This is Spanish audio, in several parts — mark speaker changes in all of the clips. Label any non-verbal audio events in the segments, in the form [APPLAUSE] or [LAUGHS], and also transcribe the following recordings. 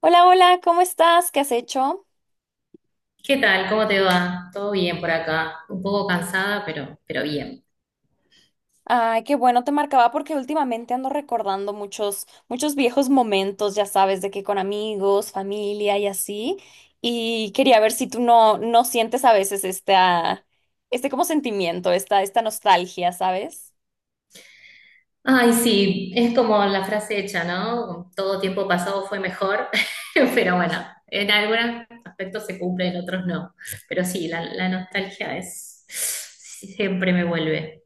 Speaker 1: Hola, hola, ¿cómo estás? ¿Qué has hecho?
Speaker 2: ¿Qué tal? ¿Cómo te va? Todo bien por acá. Un poco cansada, pero bien.
Speaker 1: Ay, qué bueno, te marcaba porque últimamente ando recordando muchos viejos momentos, ya sabes, de que con amigos, familia y así. Y quería ver si tú no sientes a veces este como sentimiento, esta nostalgia, ¿sabes?
Speaker 2: Ay, sí, es como la frase hecha, ¿no? Todo tiempo pasado fue mejor, [LAUGHS] pero bueno, en algunos aspectos se cumple, en otros no. Pero sí, la nostalgia es siempre me vuelve.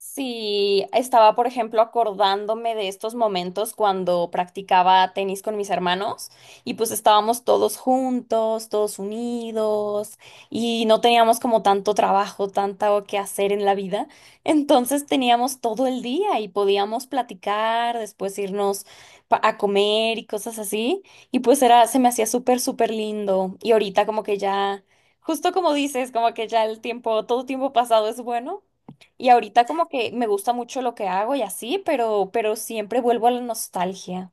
Speaker 1: Sí, estaba, por ejemplo, acordándome de estos momentos cuando practicaba tenis con mis hermanos y pues estábamos todos juntos, todos unidos y no teníamos como tanto trabajo, tanto que hacer en la vida. Entonces teníamos todo el día y podíamos platicar, después irnos a comer y cosas así. Y pues era, se me hacía súper, súper lindo. Y ahorita como que ya, justo como dices, como que ya el tiempo, todo tiempo pasado es bueno. Y ahorita como que me gusta mucho lo que hago y así, pero siempre vuelvo a la nostalgia.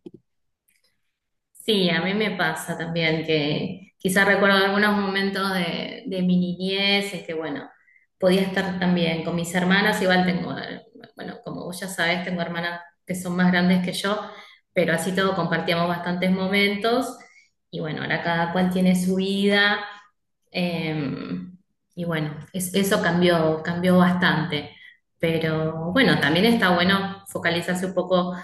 Speaker 2: Sí, a mí me pasa también que quizás recuerdo algunos momentos de mi niñez, es que bueno, podía estar también con mis hermanas, igual tengo, bueno, como vos ya sabés, tengo hermanas que son más grandes que yo, pero así todo compartíamos bastantes momentos y bueno, ahora cada cual tiene su vida eh, y bueno, eso cambió, cambió bastante. Pero bueno, también está bueno focalizarse un poco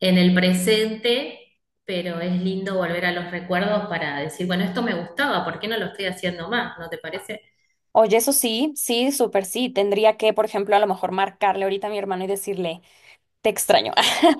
Speaker 2: en el presente, pero es lindo volver a los recuerdos para decir, bueno, esto me gustaba, ¿por qué no lo estoy haciendo más? ¿No te parece?
Speaker 1: Oye, eso sí, sí, súper sí. Tendría que, por ejemplo, a lo mejor marcarle ahorita a mi hermano y decirle. Te extraño. [LAUGHS]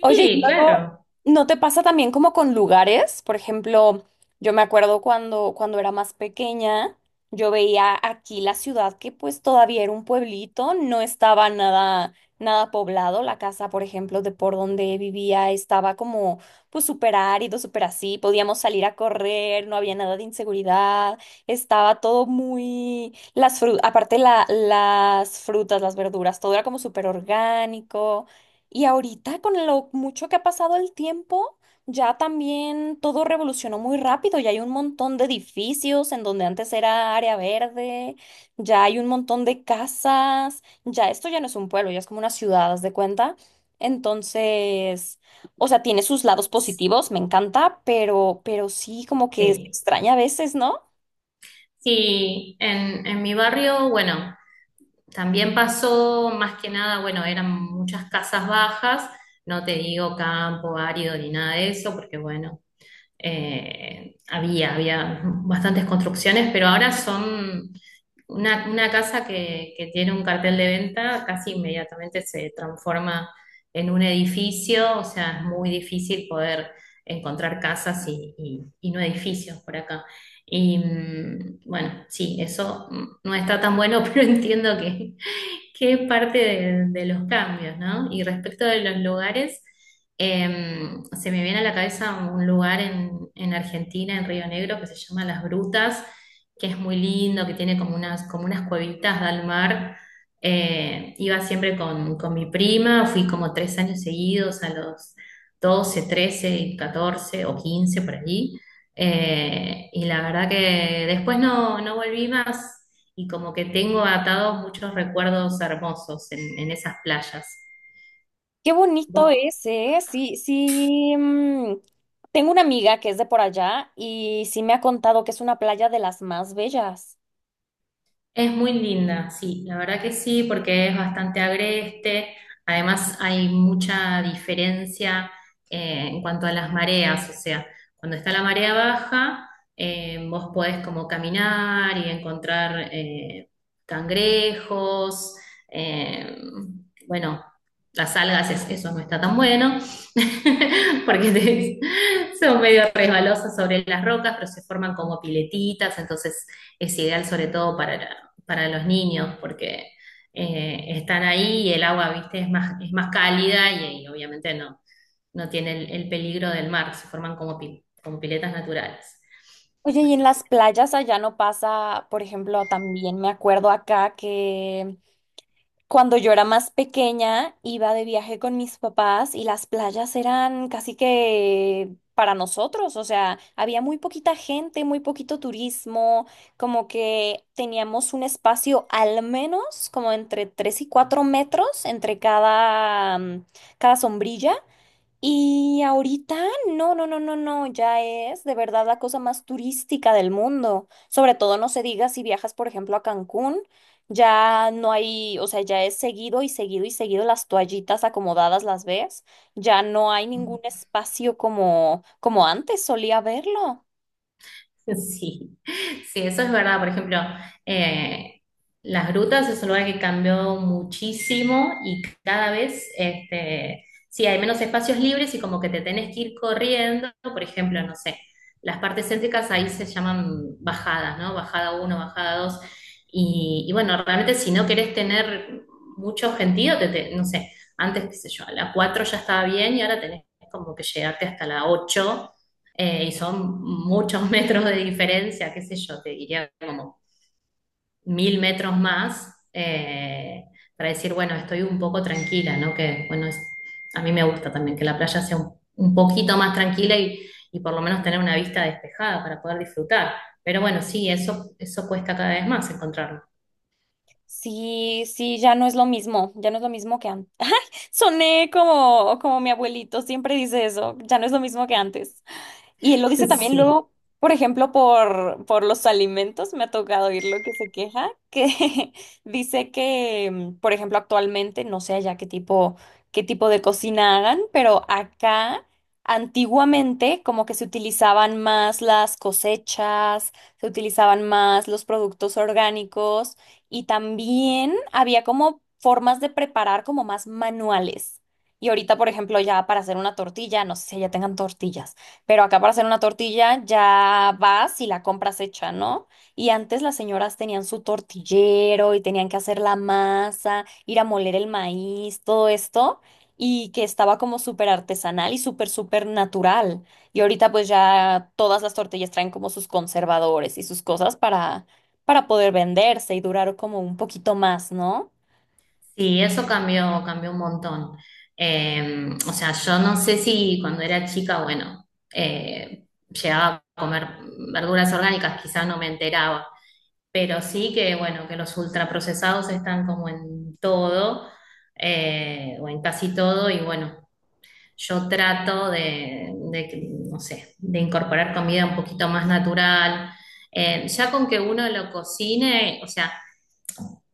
Speaker 1: Oye, y luego,
Speaker 2: claro.
Speaker 1: ¿no te pasa también como con lugares? Por ejemplo, yo me acuerdo cuando era más pequeña, yo veía aquí la ciudad que pues todavía era un pueblito, no estaba nada poblado. La casa, por ejemplo, de por donde vivía estaba como pues súper árido, súper así. Podíamos salir a correr, no había nada de inseguridad, estaba todo muy las fru aparte las frutas, las verduras, todo era como súper orgánico. Y ahorita con lo mucho que ha pasado el tiempo, ya también todo revolucionó muy rápido. Ya hay un montón de edificios en donde antes era área verde, ya hay un montón de casas, ya esto ya no es un pueblo, ya es como una ciudad, haz de cuenta. Entonces, o sea, tiene sus lados positivos, me encanta, pero sí como que se
Speaker 2: Sí.
Speaker 1: extraña a veces, ¿no?
Speaker 2: Sí, en mi barrio, bueno, también pasó más que nada, bueno, eran muchas casas bajas, no te digo campo árido ni nada de eso, porque bueno. Había bastantes construcciones, pero ahora son una casa que tiene un cartel de venta, casi inmediatamente se transforma en un edificio, o sea, es muy difícil poder encontrar casas y no edificios por acá. Y bueno, sí, eso no está tan bueno, [LAUGHS] pero entiendo qué parte de los cambios, ¿no? Y respecto de los lugares, eh, se me viene a la cabeza un lugar en Argentina, en Río Negro, que se llama Las Brutas, que es muy lindo, que tiene como unas cuevitas al mar. Iba siempre con mi prima, fui como 3 años seguidos, a los 12, 13, 14 o 15 por allí. Y la verdad que después no volví más y como que tengo atados muchos recuerdos hermosos en esas playas.
Speaker 1: Qué bonito
Speaker 2: ¿Vos
Speaker 1: es, ¿eh? Sí, sí. Tengo una amiga que es de por allá y sí me ha contado que es una playa de las más bellas.
Speaker 2: Es muy linda, sí, la verdad que sí, porque es bastante agreste. Además, hay mucha diferencia en cuanto a las mareas, o sea, cuando está la marea baja, vos podés como caminar y encontrar cangrejos, eh, bueno, las algas, eso no está tan bueno, [LAUGHS] porque son medio resbalosas sobre las rocas, pero se forman como piletitas, entonces es ideal sobre todo para los niños, porque están ahí y el agua, viste, es más cálida y obviamente no tiene el peligro del mar, se forman como piletas naturales.
Speaker 1: Oye, y en
Speaker 2: Así
Speaker 1: las playas allá no pasa, por ejemplo, también me acuerdo acá que cuando yo era más pequeña iba de viaje con mis papás y las playas eran casi que para nosotros, o sea, había muy poquita gente, muy poquito turismo, como que teníamos un espacio al menos como entre 3 y 4 metros entre cada, cada sombrilla. Y ahorita, no, no, no, no, no, ya es de verdad la cosa más turística del mundo. Sobre todo no se diga si viajas, por ejemplo, a Cancún, ya no hay, o sea, ya es seguido y seguido y seguido las toallitas acomodadas las ves, ya no hay ningún
Speaker 2: que,
Speaker 1: espacio como antes solía verlo.
Speaker 2: [LAUGHS] sí, sí, eso es verdad. Por ejemplo, eh, las grutas es un lugar que cambió muchísimo y cada vez, este, sí, hay menos espacios libres y como que te tenés que ir corriendo. Por ejemplo, no sé, las partes céntricas ahí se llaman bajadas, ¿no? Bajada uno, bajada dos. Y bueno, realmente si no querés tener mucho sentido, no sé, antes, qué sé yo, a la 4 ya estaba bien y ahora tenés como que llegarte hasta la ocho, y son muchos [LAUGHS] metros de diferencia, qué sé yo, te diría como 1.000 metros más, para decir, bueno, estoy un poco tranquila, ¿no? Que, bueno, a mí me gusta también que la playa sea un poquito más tranquila y por lo menos tener una vista despejada para poder disfrutar. Pero bueno, sí, eso cuesta cada vez más encontrarlo.
Speaker 1: Sí, sí, ya no es lo mismo, ya no es lo mismo que antes. [LAUGHS] Soné como mi abuelito siempre dice eso, ya no es lo mismo que antes. Y lo
Speaker 2: [LAUGHS]
Speaker 1: dice también
Speaker 2: Sí.
Speaker 1: luego, por ejemplo, por los alimentos, me ha tocado oír lo que se queja, que [LAUGHS] dice que, por ejemplo, actualmente, no sé ya qué tipo de cocina hagan, pero acá antiguamente como que se utilizaban más las cosechas, se utilizaban más los productos orgánicos y también había como formas de preparar como más manuales. Y ahorita, por ejemplo, ya para hacer una tortilla, no sé si ya tengan tortillas pero acá para hacer una tortilla ya vas y la compras hecha, ¿no? Y antes las señoras tenían su tortillero y tenían que hacer la masa, ir a moler el maíz, todo esto, y que estaba como súper artesanal y súper, súper natural. Y ahorita pues ya todas las tortillas traen como sus conservadores y sus cosas para poder venderse y durar como un poquito más, ¿no?
Speaker 2: Sí, eso cambió, cambió un montón. O sea, yo no sé si cuando era chica, bueno, llegaba a comer verduras orgánicas, quizás no me enteraba, pero sí que, bueno, que los ultraprocesados están como en todo, o en casi todo, y bueno, yo trato de no sé, de incorporar comida un poquito más natural. Ya con que uno lo cocine, o sea,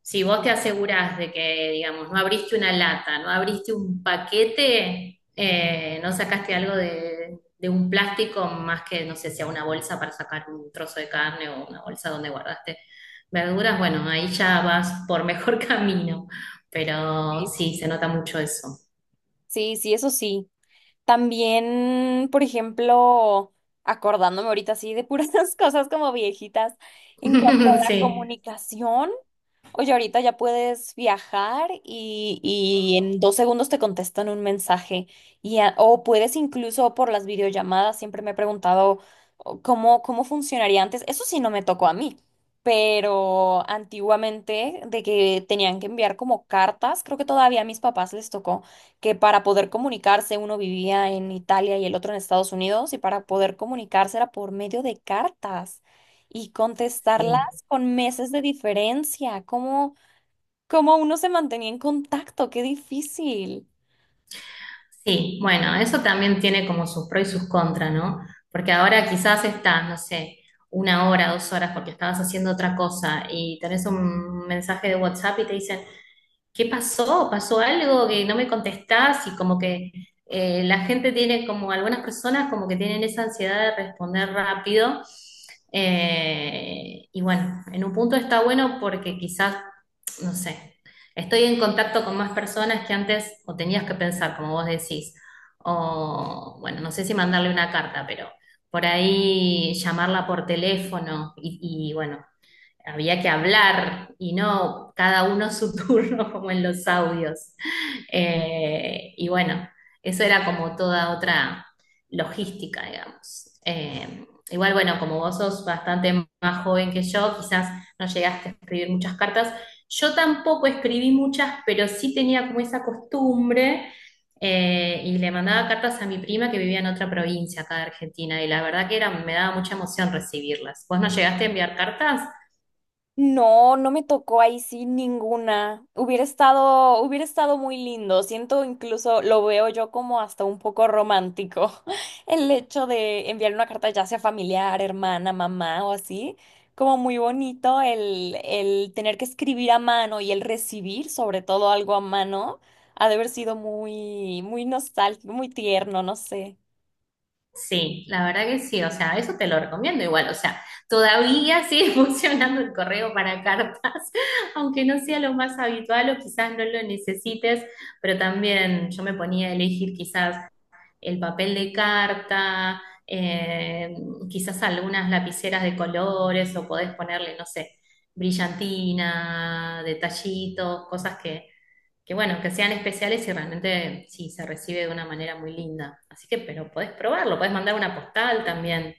Speaker 2: si vos te asegurás de que, digamos, no abriste una lata, no abriste un paquete, no sacaste algo de un plástico más que, no sé, sea una bolsa para sacar un trozo de carne o una bolsa donde guardaste verduras, bueno, ahí ya vas por mejor [LAUGHS] camino, pero
Speaker 1: Sí.
Speaker 2: sí, se nota mucho eso.
Speaker 1: Sí, sí, eso sí. También, por ejemplo, acordándome ahorita así de puras [LAUGHS] cosas como viejitas, en cuanto a
Speaker 2: [LAUGHS]
Speaker 1: la
Speaker 2: Sí.
Speaker 1: comunicación, oye, ahorita ya puedes viajar y en dos segundos te contestan un mensaje. O puedes incluso por las videollamadas, siempre me he preguntado o, cómo funcionaría antes. Eso sí no me tocó a mí. Pero antiguamente, de que tenían que enviar como cartas, creo que todavía a mis papás les tocó que para poder comunicarse uno vivía en Italia y el otro en Estados Unidos y para poder comunicarse era por medio de cartas y contestarlas
Speaker 2: Sí,
Speaker 1: con meses de diferencia. ¿Cómo uno se mantenía en contacto? Qué difícil.
Speaker 2: sí, bueno, eso también tiene como sus pros y sus contras, ¿no? Porque ahora quizás estás, no sé, una hora, 2 horas porque estabas haciendo otra cosa y tenés un mensaje de WhatsApp y te dicen, ¿qué pasó? ¿Pasó algo que no me contestás? Y como que la gente tiene, como algunas personas, como que tienen esa ansiedad de responder rápido. Y bueno, en un punto está bueno porque quizás, no sé, estoy en contacto con más personas que antes o tenías que pensar, como vos decís. O bueno, no sé si mandarle una carta, pero por ahí llamarla por teléfono y bueno, había que hablar y no cada uno su turno [LAUGHS] como en los audios. Y bueno, eso era como toda otra logística, digamos. Igual, bueno, como vos sos bastante más joven que yo, quizás no llegaste a escribir muchas cartas. Yo tampoco escribí muchas, pero sí tenía como esa costumbre. Y le mandaba cartas a mi prima que vivía en otra provincia acá de Argentina, y la verdad que era, me daba mucha emoción recibirlas. ¿Vos no llegaste a enviar cartas?
Speaker 1: No, no me tocó ahí sí ninguna. Hubiera estado muy lindo. Siento incluso, lo veo yo como hasta un poco romántico, [LAUGHS] el hecho de enviar una carta ya sea familiar, hermana, mamá o así. Como muy bonito el tener que escribir a mano y el recibir sobre todo algo a mano, ha de haber sido muy, muy nostálgico, muy tierno, no sé.
Speaker 2: Sí, la verdad que sí, o sea, eso te lo recomiendo igual, o sea, todavía sigue [LAUGHS] funcionando el correo para cartas, [LAUGHS] aunque no sea lo más habitual o quizás no lo necesites, pero también yo me ponía a elegir quizás el papel de carta, quizás algunas lapiceras de colores o podés ponerle, no sé, brillantina, detallitos, cosas que bueno, que sean especiales y realmente sí, se recibe de una manera muy linda. Así que, pero podés probarlo, podés mandar una postal también.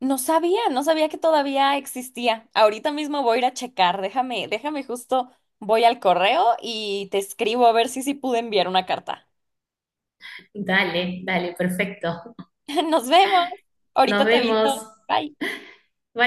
Speaker 1: No sabía que todavía existía. Ahorita mismo voy a ir a checar. Déjame justo, voy al correo y te escribo a ver si sí pude enviar una carta.
Speaker 2: Dale, dale, perfecto.
Speaker 1: [LAUGHS] Nos vemos.
Speaker 2: Nos
Speaker 1: Ahorita te
Speaker 2: vemos.
Speaker 1: aviso. Bye.
Speaker 2: Bye.